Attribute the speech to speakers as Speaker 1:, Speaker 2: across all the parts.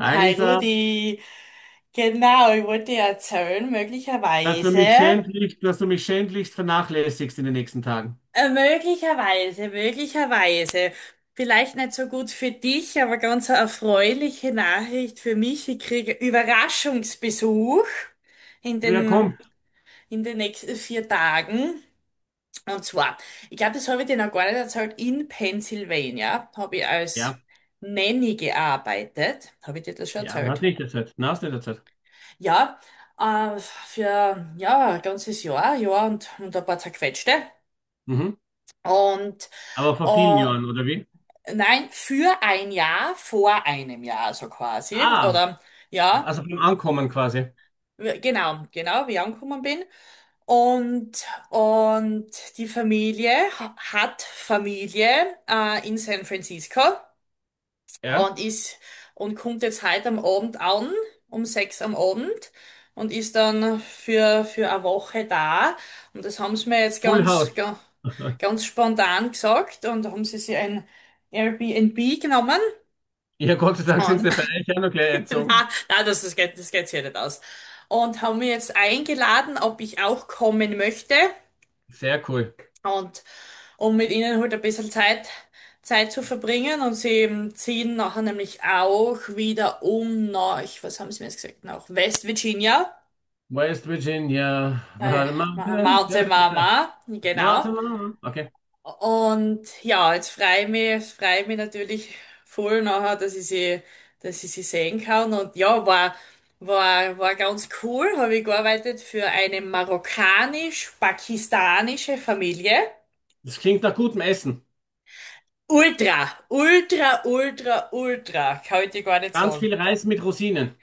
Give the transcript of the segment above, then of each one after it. Speaker 1: Hi
Speaker 2: Hi
Speaker 1: Lisa,
Speaker 2: Rudi, genau, ich wollte dir erzählen,
Speaker 1: dass du
Speaker 2: möglicherweise,
Speaker 1: mich schändlichst, vernachlässigst in den nächsten Tagen.
Speaker 2: äh, möglicherweise, möglicherweise, vielleicht nicht so gut für dich, aber ganz eine erfreuliche Nachricht für mich. Ich kriege Überraschungsbesuch in
Speaker 1: Wieder
Speaker 2: den,
Speaker 1: kommt?
Speaker 2: in den nächsten 4 Tagen. Und zwar, ich glaube, das habe ich dir noch gar nicht erzählt, in Pennsylvania habe ich als
Speaker 1: Ja,
Speaker 2: Nanny gearbeitet. Habe ich dir das schon
Speaker 1: ja, dann hast
Speaker 2: erzählt?
Speaker 1: nicht der Zeit. Na, hast nicht der Zeit.
Speaker 2: Ja, für ja, ein ganzes Jahr und ein paar zerquetschte.
Speaker 1: Mhm.
Speaker 2: Und
Speaker 1: Aber vor vielen
Speaker 2: äh,
Speaker 1: Jahren, oder wie?
Speaker 2: nein, für ein Jahr, vor einem Jahr so quasi.
Speaker 1: Ah,
Speaker 2: Oder ja,
Speaker 1: also beim Ankommen quasi.
Speaker 2: genau, genau, wie ich angekommen bin. Und, und die Familie hat Familie in San Francisco.
Speaker 1: Ja.
Speaker 2: und ist und kommt jetzt heute am Abend an, um 6 am Abend und ist dann für eine Woche da. Und das haben sie mir jetzt
Speaker 1: Full House.
Speaker 2: ganz spontan gesagt, und da haben sie sich ein Airbnb genommen
Speaker 1: Ja, Gott sei Dank sind
Speaker 2: und
Speaker 1: sie bei euch auch noch gleich eingezogen.
Speaker 2: na, na, das geht sich ja nicht aus. Und haben mich jetzt eingeladen, ob ich auch kommen möchte.
Speaker 1: Sehr cool.
Speaker 2: Und um mit ihnen halt ein bisschen Zeit zu verbringen. Und sie ziehen nachher nämlich auch wieder um nach, was haben sie mir jetzt gesagt, nach West Virginia.
Speaker 1: West Virginia,
Speaker 2: Äh,
Speaker 1: where the mountains,
Speaker 2: Mountain Mama, genau.
Speaker 1: mountain. Okay.
Speaker 2: Und ja, jetzt freue ich mich natürlich voll nachher, dass ich sie sehen kann. Und ja, war ganz cool. Habe ich gearbeitet für eine marokkanisch-pakistanische Familie.
Speaker 1: Das klingt nach gutem Essen.
Speaker 2: Ultra, ultra, ultra, ultra, kann ich dir gar nicht
Speaker 1: Ganz
Speaker 2: sagen.
Speaker 1: viel Reis mit Rosinen.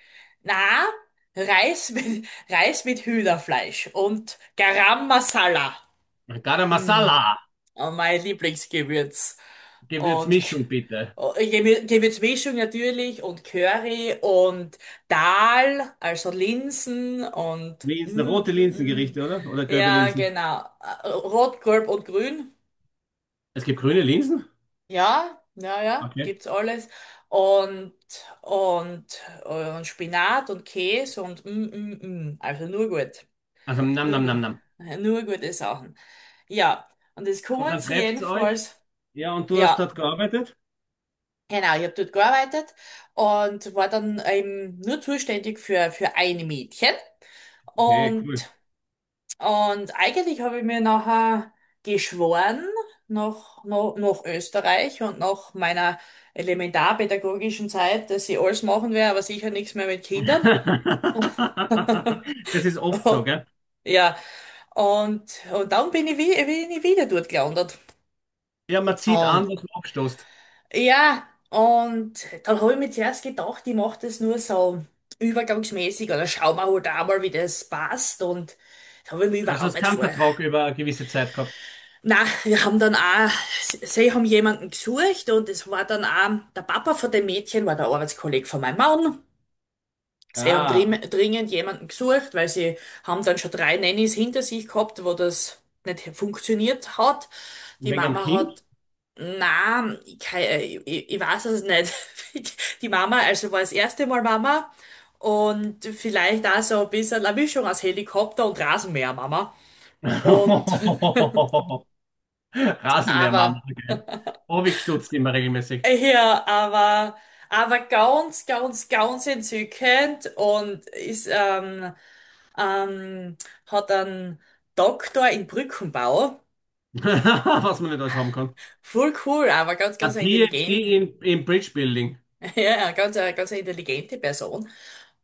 Speaker 2: Na, Reis mit Hühnerfleisch und Garam Masala.
Speaker 1: Garam
Speaker 2: Hm,
Speaker 1: Masala.
Speaker 2: oh, mein Lieblingsgewürz. Und
Speaker 1: Gewürzmischung bitte.
Speaker 2: Gewürzmischung natürlich und Curry und Dal, also Linsen und,
Speaker 1: Linsen,
Speaker 2: mm,
Speaker 1: rote
Speaker 2: mm.
Speaker 1: Linsengerichte, oder? Oder gelbe
Speaker 2: Ja,
Speaker 1: Linsen?
Speaker 2: genau. Rot, Gelb und Grün.
Speaker 1: Es gibt grüne Linsen?
Speaker 2: Ja, ja, ja,
Speaker 1: Okay.
Speaker 2: gibt's alles. Und, und Spinat und Käse Also nur gut.
Speaker 1: Also nam
Speaker 2: Nur
Speaker 1: nam
Speaker 2: gut.
Speaker 1: nam nam.
Speaker 2: Nur gute Sachen. Ja. Und das
Speaker 1: Und
Speaker 2: kommen
Speaker 1: dann
Speaker 2: sie
Speaker 1: trefft's euch.
Speaker 2: jedenfalls.
Speaker 1: Ja, und du hast
Speaker 2: Ja,
Speaker 1: dort gearbeitet?
Speaker 2: genau. Ich habe dort gearbeitet und war dann eben nur zuständig für ein Mädchen.
Speaker 1: Okay, cool.
Speaker 2: Und Und eigentlich habe ich mir nachher geschworen, nach Österreich und nach meiner elementarpädagogischen Zeit, dass ich alles machen werde, aber sicher nichts mehr mit Kindern.
Speaker 1: Das ist oft so, gell?
Speaker 2: Ja, und dann bin ich, wie, bin ich wieder dort gelandet.
Speaker 1: Ja, man zieht an,
Speaker 2: Und
Speaker 1: was man abstoßt.
Speaker 2: ja, und dann habe ich mir zuerst gedacht, ich mache das nur so übergangsmäßig oder schau mal halt auch mal, wie das passt. Und das habe ich mir
Speaker 1: Also
Speaker 2: überhaupt
Speaker 1: es
Speaker 2: nicht
Speaker 1: kann
Speaker 2: vor.
Speaker 1: Vertrag über eine gewisse Zeit gehabt.
Speaker 2: Na, wir haben dann auch, sie haben jemanden gesucht, und es war dann auch, der Papa von dem Mädchen war der Arbeitskollege von meinem Mann. Sie haben
Speaker 1: Ah,
Speaker 2: dringend jemanden gesucht, weil sie haben dann schon drei Nannies hinter sich gehabt, wo das nicht funktioniert hat.
Speaker 1: und
Speaker 2: Die
Speaker 1: wegen am
Speaker 2: Mama
Speaker 1: Kind?
Speaker 2: hat, na, ich weiß es nicht. Die Mama, also war das erste Mal Mama und vielleicht auch so ein bisschen eine Mischung aus Helikopter und Rasenmäher Mama. Und,
Speaker 1: Rasenmäher-Mama,
Speaker 2: aber,
Speaker 1: gell? Oh, immer regelmäßig.
Speaker 2: ja, aber ganz, ganz, ganz entzückend, und ähm, hat einen Doktor in Brückenbau.
Speaker 1: Was man nicht alles haben kann.
Speaker 2: Voll cool, aber ganz, ganz
Speaker 1: Ein PhD
Speaker 2: intelligent,
Speaker 1: in Bridge Building.
Speaker 2: ja, ja, ganz, ganz eine intelligente Person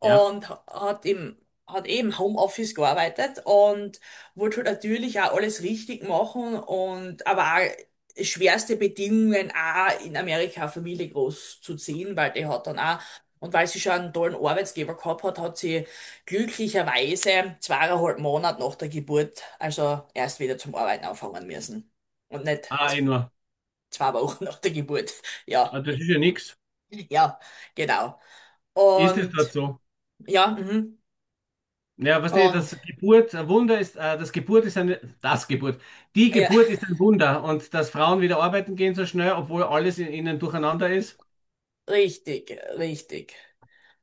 Speaker 1: Ja.
Speaker 2: hat im, hat eben Homeoffice gearbeitet und wollte halt natürlich auch alles richtig machen, und aber auch schwerste Bedingungen auch in Amerika eine Familie großzuziehen, weil die hat dann auch, und weil sie schon einen tollen Arbeitsgeber gehabt hat, hat sie glücklicherweise 2,5 Monate nach der Geburt, also erst wieder zum Arbeiten anfangen müssen und nicht
Speaker 1: Ah, eh nur.
Speaker 2: 2 Wochen nach der Geburt. Ja,
Speaker 1: Also das ist ja nichts.
Speaker 2: ja, genau.
Speaker 1: Ist es dort
Speaker 2: Und
Speaker 1: so?
Speaker 2: ja, mhm.
Speaker 1: Ja, weißt du,
Speaker 2: Und
Speaker 1: das Geburt, ein Wunder ist, das Geburt ist eine, das Geburt, die
Speaker 2: ja,
Speaker 1: Geburt ist ein Wunder und dass Frauen wieder arbeiten gehen so schnell, obwohl alles in ihnen durcheinander ist.
Speaker 2: richtig, richtig.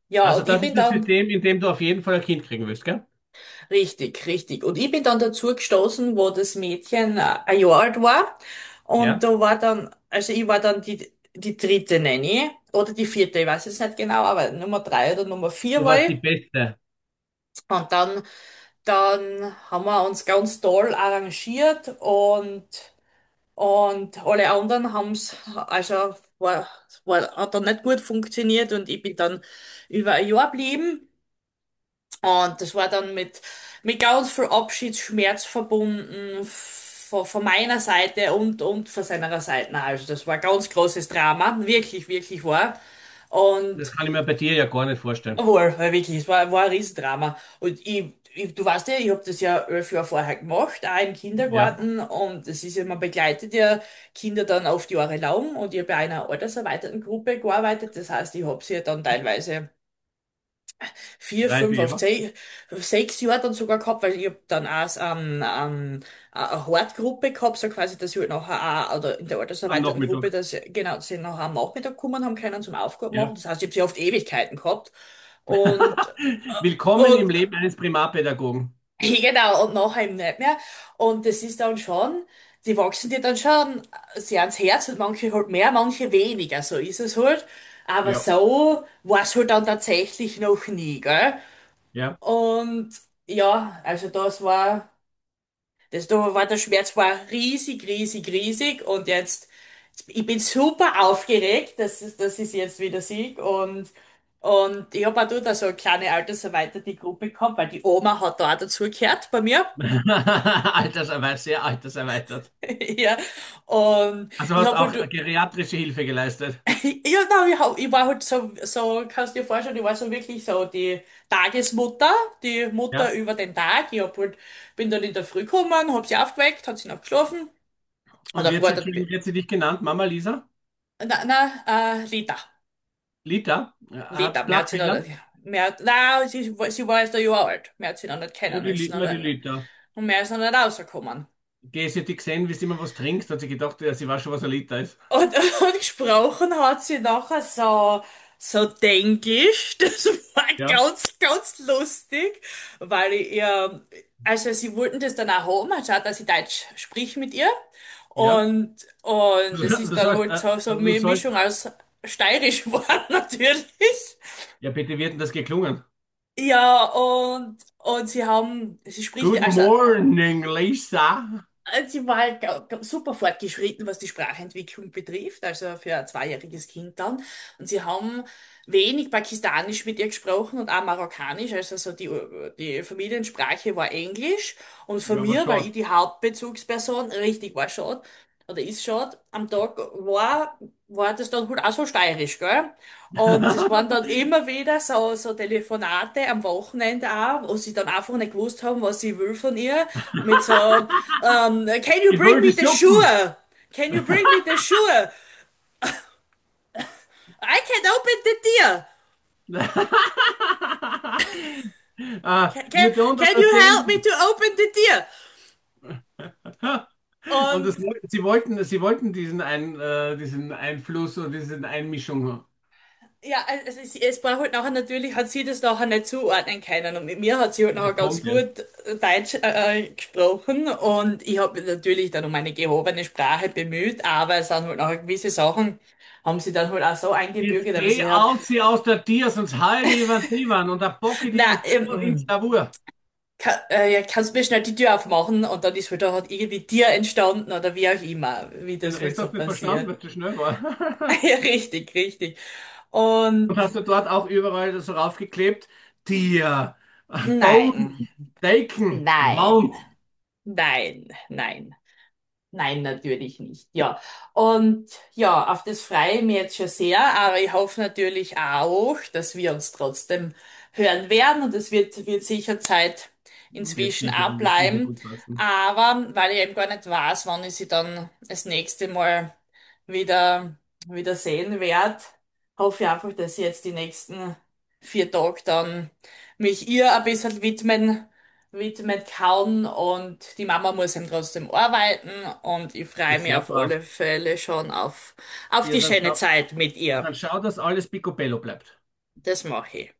Speaker 2: Ja,
Speaker 1: Also
Speaker 2: und ich
Speaker 1: das
Speaker 2: bin
Speaker 1: ist das
Speaker 2: dann,
Speaker 1: System, in dem du auf jeden Fall ein Kind kriegen willst, gell?
Speaker 2: richtig, richtig. Und ich bin dann dazu gestoßen, wo das Mädchen 1 Jahr alt war. Und
Speaker 1: Ja.
Speaker 2: da war dann, also ich war dann die dritte Nanny oder die vierte, ich weiß jetzt nicht genau, aber Nummer drei oder Nummer vier
Speaker 1: Du
Speaker 2: war
Speaker 1: warst
Speaker 2: ich.
Speaker 1: die Beste.
Speaker 2: Und dann haben wir uns ganz toll arrangiert. Und alle anderen haben es, also war, hat dann nicht gut funktioniert, und ich bin dann über ein Jahr geblieben. Und das war dann mit ganz viel Abschiedsschmerz verbunden, von meiner Seite und von seiner Seite. Also das war ein ganz großes Drama, wirklich, wirklich war.
Speaker 1: Das
Speaker 2: Und
Speaker 1: kann ich mir bei dir ja gar nicht vorstellen.
Speaker 2: wohl, wirklich, es war ein Riesendrama. Und du weißt ja, ich habe das ja 11 Jahre vorher gemacht, auch im
Speaker 1: Ja,
Speaker 2: Kindergarten. Und es ist ja, man begleitet ja Kinder dann oft jahrelang. Und ich habe bei einer alterserweiterten Gruppe gearbeitet. Das heißt, ich habe sie ja dann teilweise vier,
Speaker 1: reife
Speaker 2: fünf auf
Speaker 1: ja.
Speaker 2: zehn, sechs Jahre dann sogar gehabt, weil ich habe dann auch eine Hortgruppe gehabt, so quasi, dass ich halt nachher auch, oder in der
Speaker 1: Am
Speaker 2: alterserweiterten Gruppe,
Speaker 1: Nachmittag.
Speaker 2: dass genau, sie nachher am Nachmittag kommen haben können zum Aufgaben
Speaker 1: Ja.
Speaker 2: machen. Das heißt, ich habe sie oft Ewigkeiten gehabt. Und
Speaker 1: Willkommen im
Speaker 2: und
Speaker 1: Leben eines Primarpädagogen.
Speaker 2: genau, und nachher eben nicht mehr. Und das ist dann schon, die wachsen dir dann schon sehr ans Herz, und manche halt mehr, manche weniger, so ist es halt. Aber
Speaker 1: Ja,
Speaker 2: so war es halt dann tatsächlich noch nie, gell?
Speaker 1: ja.
Speaker 2: Und ja, also das war, das da war der Schmerz war riesig, riesig, riesig. Und jetzt, ich bin super aufgeregt, dass ich jetzt wieder sieg, und ich habe auch da so eine kleine alterserweiterte Gruppe gehabt, weil die Oma hat da auch dazugehört bei mir.
Speaker 1: Alterserweitert, sehr alterserweitert.
Speaker 2: Ja, und
Speaker 1: Also
Speaker 2: ich
Speaker 1: hast
Speaker 2: habe halt,
Speaker 1: auch geriatrische Hilfe geleistet.
Speaker 2: ja, nein, ich war halt kannst dir vorstellen, ich war so wirklich so die Tagesmutter, die Mutter
Speaker 1: Ja.
Speaker 2: über den Tag. Ich hab halt, bin dann in der Früh gekommen, hab sie aufgeweckt, hat sie noch geschlafen, hat
Speaker 1: Und
Speaker 2: auch
Speaker 1: wird sie,
Speaker 2: gewartet,
Speaker 1: Entschuldigung, wird sie dich genannt? Mama Lisa?
Speaker 2: na, na, Lita,
Speaker 1: Lita? Ja, Hab
Speaker 2: Lita, mehr hat sie noch,
Speaker 1: Sprachfehler?
Speaker 2: mehr, na, sie, sie war erst 1 Jahr alt, mehr hat sie noch nicht
Speaker 1: Ja,
Speaker 2: kennen
Speaker 1: die, Li-
Speaker 2: müssen,
Speaker 1: immer die Lita.
Speaker 2: und mehr ist noch nicht rausgekommen.
Speaker 1: Geh, sie hat dich gesehen, wie du immer was trinkst, hat sie gedacht, ja, sie weiß schon, was ein Liter ist.
Speaker 2: Und, und gesprochen hat sie nachher so, so Denglisch. Das war
Speaker 1: Ja,
Speaker 2: ganz, ganz lustig, weil ich ihr, also sie wollten das dann auch haben, anstatt dass ich Deutsch sprich mit ihr.
Speaker 1: ja.
Speaker 2: Und, und
Speaker 1: Du
Speaker 2: es
Speaker 1: du
Speaker 2: ist dann
Speaker 1: sollst,
Speaker 2: halt so
Speaker 1: also du
Speaker 2: eine
Speaker 1: sollst,
Speaker 2: Mischung aus Steirisch geworden, natürlich.
Speaker 1: ja bitte, wie hat denn das geklungen?
Speaker 2: Ja, und sie haben, sie spricht,
Speaker 1: Good
Speaker 2: also
Speaker 1: morning, Lisa.
Speaker 2: Sie war halt super fortgeschritten, was die Sprachentwicklung betrifft, also für ein zweijähriges Kind dann. Und sie haben wenig Pakistanisch mit ihr gesprochen und auch Marokkanisch, also so die Familiensprache war Englisch. Und von
Speaker 1: Ja, was
Speaker 2: mir, weil ich
Speaker 1: schade.
Speaker 2: die Hauptbezugsperson richtig war schon, oder ist schon, am Tag war, war das dann halt auch so steirisch, gell? Und es waren dann immer wieder so Telefonate am Wochenende auch, wo sie dann einfach nicht gewusst haben, was sie will von ihr, mit so, Can you
Speaker 1: Ich
Speaker 2: bring
Speaker 1: will die
Speaker 2: me the
Speaker 1: Suppen.
Speaker 2: shoe? Can you bring me the shoe? I can open the deer.
Speaker 1: Ah,
Speaker 2: Can, can,
Speaker 1: you don't
Speaker 2: Can you help me
Speaker 1: understand.
Speaker 2: to open the deer?
Speaker 1: Und das,
Speaker 2: Und
Speaker 1: sie wollten diesen, Ein, diesen Einfluss oder diese Einmischung.
Speaker 2: ja, es war halt nachher natürlich, hat sie das nachher nicht zuordnen können. Und mit mir hat sie halt
Speaker 1: Das
Speaker 2: nachher ganz
Speaker 1: kommt jetzt.
Speaker 2: gut Deutsch gesprochen, und ich habe mich natürlich dann um eine gehobene Sprache bemüht, aber es sind halt nachher gewisse Sachen, haben sie dann halt auch so
Speaker 1: Jetzt
Speaker 2: eingebürgert, aber
Speaker 1: geh
Speaker 2: sie hat,
Speaker 1: aus, sie aus der Tier, sonst heide ich über die Wand und da bocke ich die
Speaker 2: na,
Speaker 1: und ins Lavur.
Speaker 2: ja, kannst mir schnell die Tür aufmachen, und dann ist halt da halt irgendwie Tier entstanden oder wie auch immer, wie
Speaker 1: Den
Speaker 2: das halt
Speaker 1: Rest
Speaker 2: so
Speaker 1: hast du nicht verstanden, weil
Speaker 2: passiert.
Speaker 1: du schnell war.
Speaker 2: Ja, richtig, richtig.
Speaker 1: Und
Speaker 2: Und
Speaker 1: hast du dort auch überall so raufgeklebt? Tier,
Speaker 2: nein,
Speaker 1: Boden, Decken,
Speaker 2: nein,
Speaker 1: Wand.
Speaker 2: nein, nein. Nein, natürlich nicht, ja. Und ja, auf das freue ich mich jetzt schon sehr, aber ich hoffe natürlich auch, dass wir uns trotzdem hören werden, und es wird sicher Zeit inzwischen auch
Speaker 1: Wird sicher
Speaker 2: bleiben.
Speaker 1: gut passen.
Speaker 2: Aber weil ich eben gar nicht weiß, wann ich sie dann das nächste Mal wieder, wieder sehen werde, hoffe ich einfach, dass ich jetzt die nächsten 4 Tage dann mich ihr ein bisschen widmen kann, und die Mama muss eben trotzdem arbeiten, und ich freue
Speaker 1: Ist
Speaker 2: mich
Speaker 1: sehr
Speaker 2: auf
Speaker 1: brav.
Speaker 2: alle Fälle schon auf
Speaker 1: Ja,
Speaker 2: die schöne Zeit mit ihr.
Speaker 1: dann schau, dass alles picobello bleibt.
Speaker 2: Das mache ich.